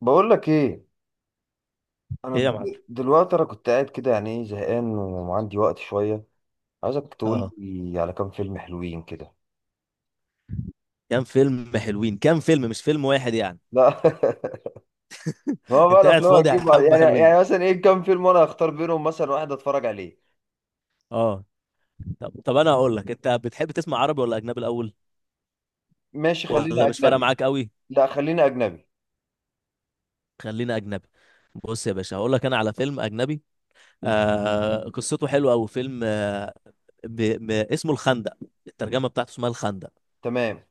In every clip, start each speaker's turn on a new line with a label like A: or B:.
A: بقول لك ايه؟
B: ايه يا معلم.
A: دلوقتي انا كنت قاعد كده، يعني ايه، زهقان وعندي وقت شويه. عايزك تقول
B: اه
A: لي على كام فيلم حلوين كده.
B: كام فيلم حلوين؟ كام فيلم، مش فيلم واحد يعني.
A: لا ما هو بقى
B: انت قاعد
A: الافلام
B: فاضي يا
A: هتجيب بعض.
B: حبه
A: يعني
B: حلوين.
A: يعني مثلا ايه، كام فيلم وانا هختار بينهم مثلا واحد اتفرج عليه.
B: اه. طب انا هقول لك، انت بتحب تسمع عربي ولا اجنبي الاول؟
A: ماشي، خلينا
B: ولا مش فارقه
A: اجنبي.
B: معاك قوي؟
A: لا، خلينا اجنبي.
B: خلينا اجنبي. بص يا باشا هقول لك انا على فيلم اجنبي. قصته حلوه قوي، فيلم ب... اسمه الخندق. الترجمه بتاعته اسمها الخندق.
A: تمام.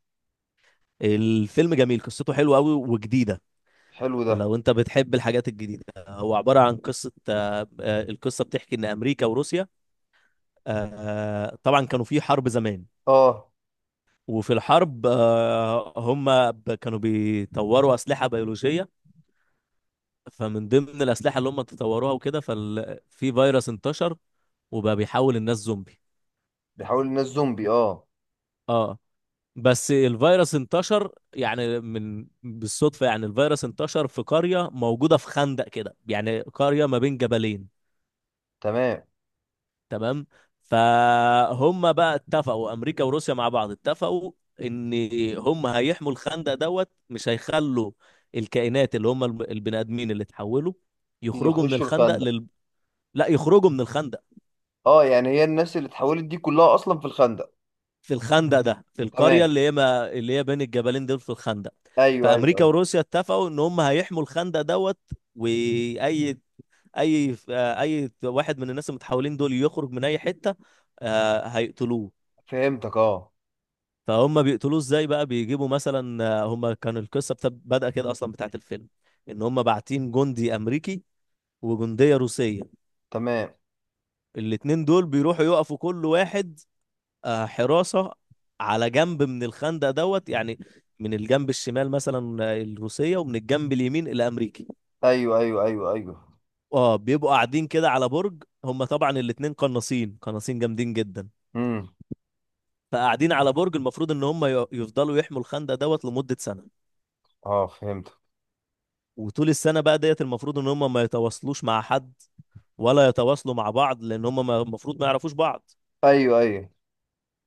B: الفيلم جميل، قصته حلوه قوي وجديده.
A: حلو ده.
B: لو انت بتحب الحاجات الجديده، هو عباره عن قصه القصه بتحكي ان امريكا وروسيا، طبعا كانوا في حرب زمان.
A: اه.
B: وفي الحرب، كانوا بيطوروا أسلحة بيولوجية. فمن ضمن الأسلحة اللي هم تطوروها وكده ففي فيروس انتشر، وبقى بيحول الناس زومبي.
A: بيحاول الناس زومبي، اه.
B: اه. بس الفيروس انتشر يعني من بالصدفة، يعني الفيروس انتشر في قرية موجودة في خندق كده، يعني قرية ما بين جبلين.
A: تمام.
B: تمام. فهم بقى اتفقوا، امريكا وروسيا مع بعض اتفقوا ان هم هيحموا الخندق دوت، مش هيخلوا الكائنات اللي هم البني ادمين اللي اتحولوا يخرجوا من
A: يخشوا
B: الخندق
A: الخندق.
B: لا يخرجوا من الخندق
A: اه، يعني هي الناس اللي اتحولت دي كلها اصلا في الخندق؟
B: في الخندق ده، في القريه
A: تمام.
B: اللي هي ما... اللي هي بين الجبلين دول في الخندق.
A: ايوه ايوه,
B: فامريكا
A: أيوة.
B: وروسيا اتفقوا ان هم هيحموا الخندق دوت، واي اي اي واحد من الناس المتحولين دول يخرج من اي حته، هيقتلوه.
A: فهمتك، اه.
B: فهم بيقتلوه ازاي بقى؟ بيجيبوا مثلا، هم كان القصه بدأ كده اصلا بتاعت الفيلم ان هم باعتين جندي امريكي وجنديه روسيه.
A: تمام.
B: الاتنين دول بيروحوا يقفوا كل واحد حراسه على جنب من الخندق دوت يعني، من الجنب الشمال مثلا الروسيه، ومن الجنب اليمين الامريكي.
A: ايوه ايوه ايوه ايوه.
B: اه. بيبقوا قاعدين كده على برج، هم طبعا الاتنين قناصين، جامدين جدا.
A: امم.
B: فقاعدين على برج، المفروض ان هم يفضلوا يحموا الخندق دوت لمده سنه.
A: اه، فهمت.
B: وطول السنة بقى ديت المفروض ان هم ما يتواصلوش مع حد، ولا يتواصلوا مع بعض لان هم المفروض ما يعرفوش بعض،
A: ايوه ايوه.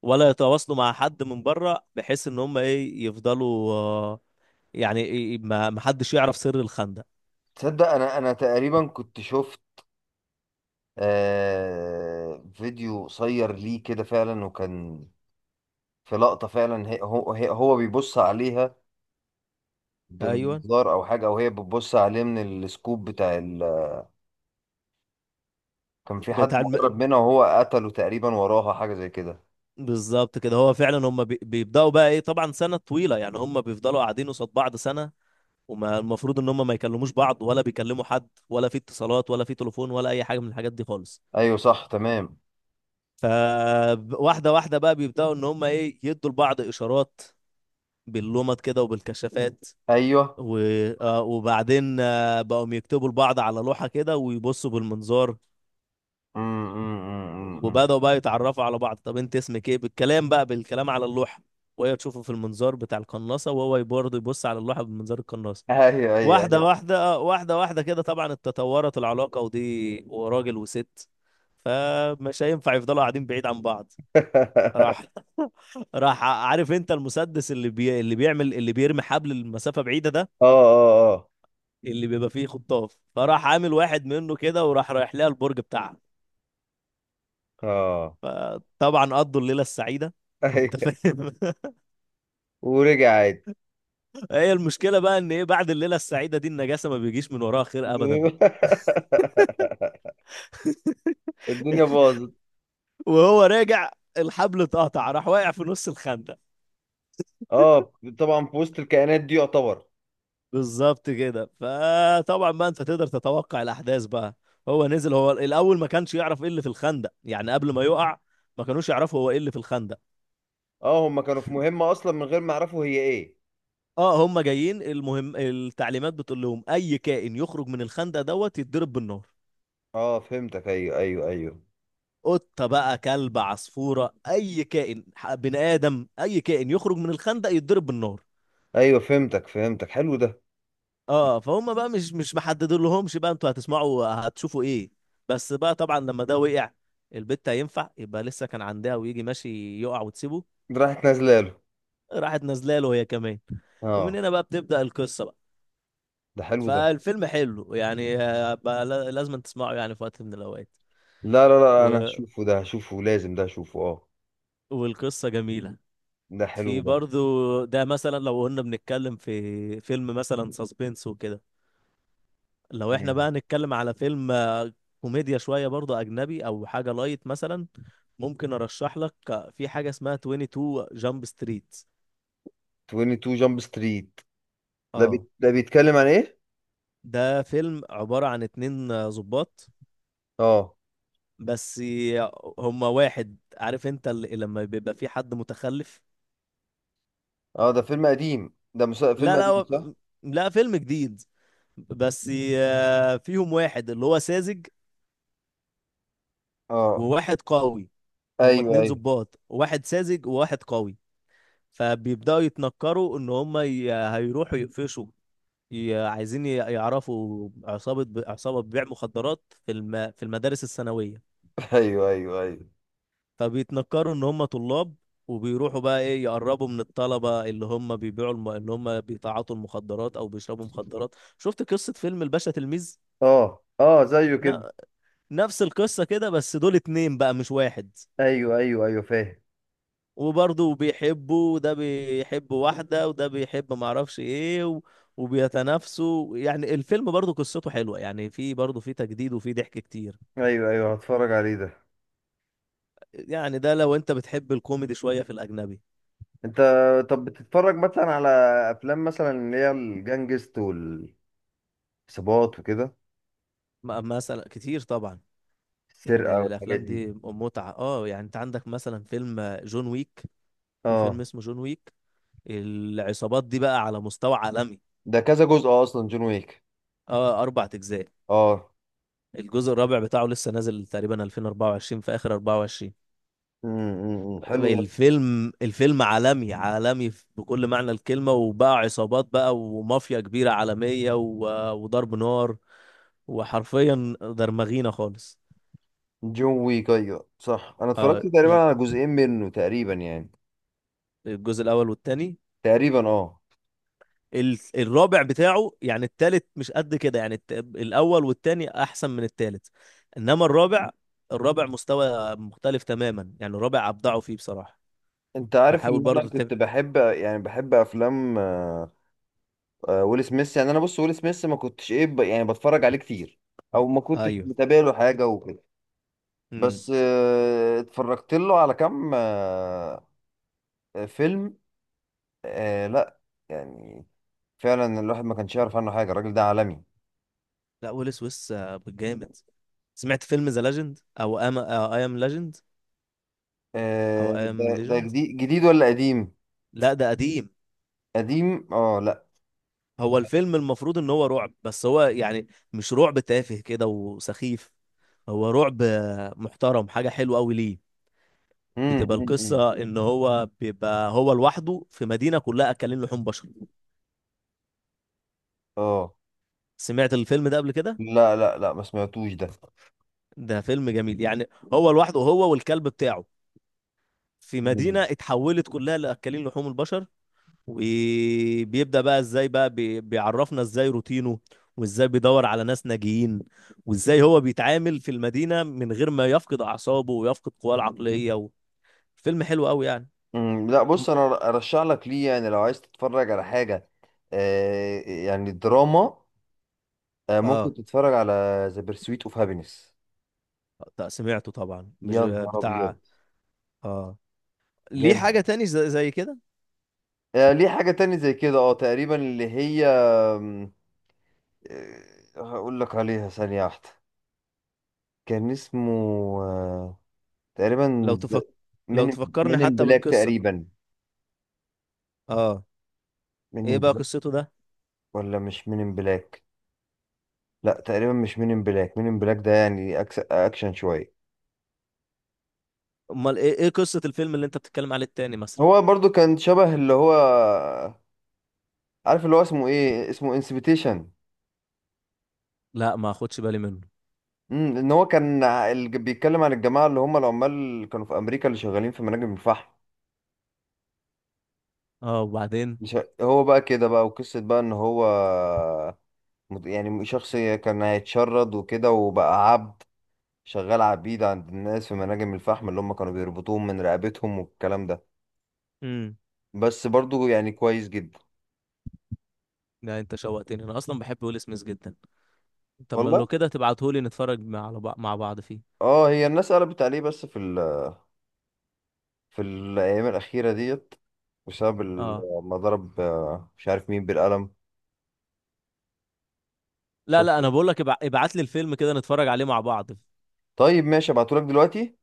B: ولا يتواصلوا مع حد من بره، بحيث ان هم ايه يفضلوا يعني إيه إيه، ما حدش يعرف سر الخندق.
A: تصدق انا تقريبا كنت شفت فيديو قصير ليه كده فعلا، وكان في لقطة فعلا، هي هو بيبص عليها
B: ايوه.
A: بمنظار او حاجة، او هي بتبص عليه من السكوب بتاع. كان في حد
B: بتاع الم...
A: مقرب منها وهو قتله تقريبا، وراها حاجة زي كده.
B: بالظبط كده، هو فعلا هم بيبداوا بقى ايه، طبعا سنة طويلة يعني، هم بيفضلوا قاعدين قصاد بعض سنة، وما المفروض ان هم ما يكلموش بعض، ولا بيكلموا حد، ولا في اتصالات، ولا في تليفون، ولا اي حاجة من الحاجات دي خالص.
A: ايوه صح، تمام.
B: فواحدة واحدة بقى بيبدأوا إن هم إيه يدوا لبعض إشارات باللمض كده وبالكشافات
A: ايوه.
B: و... آه، وبعدين بقوا يكتبوا لبعض على لوحة كده ويبصوا بالمنظار.
A: أمم.
B: وبدأوا بقى يتعرفوا على بعض. طب أنت اسمك إيه، بالكلام بقى، بالكلام على اللوحة، وهي تشوفه في المنظار بتاع القناصة، وهو برضه يبص على اللوحة بمنظار القناصة.
A: ايوه ايوه
B: واحدة
A: ايوه.
B: واحدة واحدة واحدة كده طبعا اتطورت العلاقة، ودي وراجل وست، فمش هينفع يفضلوا قاعدين بعيد عن بعض. راح راح، عارف انت المسدس اللي اللي بيعمل، اللي بيرمي حبل المسافة بعيدة ده،
A: اه اه
B: اللي بيبقى فيه خطاف، فراح عامل واحد منه كده وراح رايح لها البرج بتاعها.
A: اه
B: فطبعا قضوا الليلة السعيدة
A: اه.
B: انت
A: ايوه.
B: فاهم.
A: ورجع عادي.
B: هي المشكلة بقى ان ايه، بعد الليلة السعيدة دي، النجاسة ما بيجيش من وراها خير ابدا.
A: الدنيا باظت.
B: وهو راجع الحبل اتقطع، راح واقع في نص الخندق.
A: اه، طبعا في وسط الكائنات دي يعتبر.
B: بالظبط كده. فطبعا بقى انت تقدر تتوقع الاحداث بقى. هو نزل، هو الاول ما كانش يعرف ايه اللي في الخندق يعني قبل ما يقع، ما كانوش يعرفوا هو ايه اللي في الخندق.
A: اه، هم كانوا في مهمة اصلا من غير ما يعرفوا هي ايه.
B: اه هم جايين، المهم التعليمات بتقول لهم اي كائن يخرج من الخندق دوت يتضرب بالنار.
A: اه، فهمتك. ايوه ايوه ايوه.
B: قطه بقى، كلب، عصفوره، اي كائن بني ادم، اي كائن يخرج من الخندق يتضرب بالنار.
A: ايوه فهمتك فهمتك، حلو ده.
B: اه فهم بقى مش محددين لهمش بقى انتوا هتسمعوا هتشوفوا ايه. بس بقى طبعا لما ده وقع، البت هينفع يبقى لسه كان عندها ويجي ماشي يقع وتسيبه؟
A: ده راحت نازله له.
B: راحت نازله له هي كمان. ومن
A: اه.
B: هنا بقى بتبدأ القصة بقى.
A: ده حلو ده.
B: فالفيلم حلو يعني، بقى لازم تسمعه يعني في وقت من الأوقات.
A: لا لا لا، انا
B: و...
A: هشوفه، ده هشوفه لازم، ده هشوفه، اه.
B: والقصة جميلة.
A: ده
B: في
A: حلو ده.
B: برضو ده مثلا، لو قلنا بنتكلم في فيلم مثلا ساسبنس وكده، لو احنا
A: مم.
B: بقى نتكلم على فيلم كوميديا شوية برضو أجنبي أو حاجة لايت مثلا، ممكن أرشح لك في حاجة اسمها 22 جامب ستريت.
A: 22 جامب ستريت.
B: اه.
A: ده بيتكلم عن ايه؟
B: ده فيلم عبارة عن اتنين ضباط.
A: اه
B: بس ي- هما واحد، عارف انت اللي لما بيبقى في حد متخلف.
A: اه. ده فيلم قديم، فيلم
B: لا لا
A: قديم صح؟
B: هو- لا، فيلم جديد. بس فيهم واحد اللي هو ساذج،
A: اه.
B: وواحد قوي. هما
A: ايوه
B: اتنين
A: ايوه.
B: ضباط، واحد ساذج وواحد قوي. فبيبداوا يتنكروا ان هم هيروحوا يقفشوا، عايزين يعرفوا عصابة عصابة بيع مخدرات في في المدارس الثانوية.
A: ايوه ايوه ايوه.
B: فبيتنكروا ان هم طلاب، وبيروحوا بقى ايه يقربوا من الطلبة اللي هم بيبيعوا اللي هم بيتعاطوا المخدرات او بيشربوا مخدرات. شفت قصة فيلم الباشا تلميذ؟
A: اه اه، زيه
B: ن...
A: كده.
B: نفس القصة كده، بس دول اتنين بقى مش واحد.
A: ايوه ايوه ايوه، فاهم.
B: وبرضه بيحبوا، وده بيحب واحدة، وده بيحب معرفش ايه، وبيتنافسوا. يعني الفيلم برضه قصته حلوة يعني، في برضه في تجديد وفي ضحك كتير.
A: ايوه ايوه، هتفرج عليه ده.
B: يعني ده لو انت بتحب الكوميدي شوية في الأجنبي.
A: انت، طب بتتفرج مثلا على افلام مثلا اللي هي الجانجست والعصابات وكده،
B: مثلا كتير طبعا،
A: السرقه
B: يعني
A: والحاجات
B: الأفلام
A: دي.
B: دي متعة. اه. يعني انت عندك مثلا فيلم جون ويك، في فيلم
A: اه،
B: اسمه جون ويك. العصابات دي بقى على مستوى عالمي.
A: ده كذا جزء اصلا جون ويك.
B: اه، أربع أجزاء.
A: اه.
B: الجزء الرابع بتاعه لسه نازل تقريبا 2024، في آخر 24.
A: امم، حلو ده.
B: الفيلم، الفيلم عالمي، عالمي بكل معنى الكلمة، وبقى عصابات بقى، ومافيا كبيرة عالمية، وضرب نار، وحرفيا درمغينا خالص.
A: جون ويك، ايوه صح، انا
B: آه،
A: اتفرجت تقريبا
B: ج-
A: على جزئين منه تقريبا يعني.
B: الجزء الأول والتاني.
A: تقريبا اه.
B: الرابع بتاعه يعني، التالت مش قد كده يعني، الأول والتاني أحسن من التالت. إنما الرابع، الرابع مستوى مختلف تماما يعني، الرابع أبدعوا فيه بصراحة.
A: انت عارف
B: فحاول
A: ان انا
B: برضو
A: كنت بحب، يعني بحب افلام ويل سميث. يعني انا بص ويل سميث ما كنتش ايه يعني بتفرج عليه كتير، او ما كنتش
B: أيوه.
A: متابع له حاجه وكده.
B: امم.
A: بس اتفرجت له على كام فيلم. لا يعني، فعلا الواحد ما كانش يعرف عنه حاجه، الراجل ده عالمي.
B: لا، ويل سويس جامد. سمعت فيلم ذا ليجند او ام اي ام ليجند او اي
A: ده
B: ام
A: ده
B: ليجند؟
A: جديد ولا قديم؟
B: لا ده قديم.
A: قديم اه، لا.
B: هو الفيلم المفروض ان هو رعب، بس هو يعني مش رعب تافه كده وسخيف، هو رعب محترم، حاجة حلوة قوي ليه. بتبقى
A: إمم.
B: القصة ان هو بيبقى هو لوحده في مدينة كلها اكلين لحوم بشر.
A: اه،
B: سمعت الفيلم ده قبل كده؟
A: لا لا لا، ما سمعتوش ده.
B: ده فيلم جميل يعني. هو لوحده، هو والكلب بتاعه، في
A: مم.
B: مدينة اتحولت كلها لأكلين لحوم البشر. وبيبدأ بقى ازاي بقى بيعرفنا ازاي روتينه، وازاي بيدور على ناس ناجيين، وازاي هو بيتعامل في المدينة من غير ما يفقد أعصابه ويفقد قواه العقلية فيلم حلو قوي يعني.
A: مم، لا
B: م-
A: بص، انا ارشح لك ليه يعني لو عايز تتفرج على حاجه، يعني دراما، ممكن
B: اه.
A: تتفرج على ذا بيرسويت اوف هابينس.
B: سمعته طبعا، مش
A: يا نهار ابيض.
B: بتاع. اه. ليه
A: جامد.
B: حاجة تاني زي, زي كده؟
A: ليه حاجة تانية زي كده، اه تقريبا اللي هي آه، هقول لك عليها ثانية واحدة، كان اسمه آه،
B: لو
A: تقريبا
B: تفك... لو
A: من
B: تفكرني
A: من ان
B: حتى
A: بلاك
B: بالقصة.
A: تقريبا.
B: اه،
A: من
B: ايه
A: ان
B: بقى
A: بلاك،
B: قصته ده؟
A: ولا مش من ان بلاك؟ لا تقريبا مش من ان بلاك، من ان بلاك ده يعني اكشن شوية.
B: امال ايه، ايه قصة الفيلم اللي انت بتتكلم عليه التاني مثلا؟
A: هو برضو كان شبه اللي هو، عارف اللي هو اسمه ايه، اسمه انسبيتيشن.
B: لا ما اخدش بالي منه.
A: امم، ان هو كان بيتكلم عن الجماعه اللي هم العمال اللي كانوا في امريكا اللي شغالين في مناجم الفحم.
B: اه، وبعدين؟
A: مش هو بقى كده بقى، وقصه بقى ان هو يعني شخص كان هيتشرد وكده وبقى عبد، شغال عبيد عند الناس في مناجم الفحم اللي هم كانوا بيربطوهم من رقبتهم والكلام ده. بس برضو يعني كويس جدا.
B: لا انت شوقتني، انا اصلا بحب ويل سميث جدا. طب ما
A: والله.
B: لو كده تبعتهولي نتفرج مع، على مع بعض فيه.
A: اه هي الناس قلبت عليه بس في في الايام الاخيره ديت، بسبب
B: اه.
A: ما ضرب مش عارف مين بالقلم.
B: لا
A: شفت.
B: لا، انا بقول لك ابعت لي الفيلم كده نتفرج عليه مع بعض.
A: طيب ماشي، ابعتهولك دلوقتي.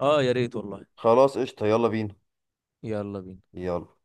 B: اه يا ريت والله.
A: خلاص قشطة، يلا بينا.
B: يلا بينا.
A: يلا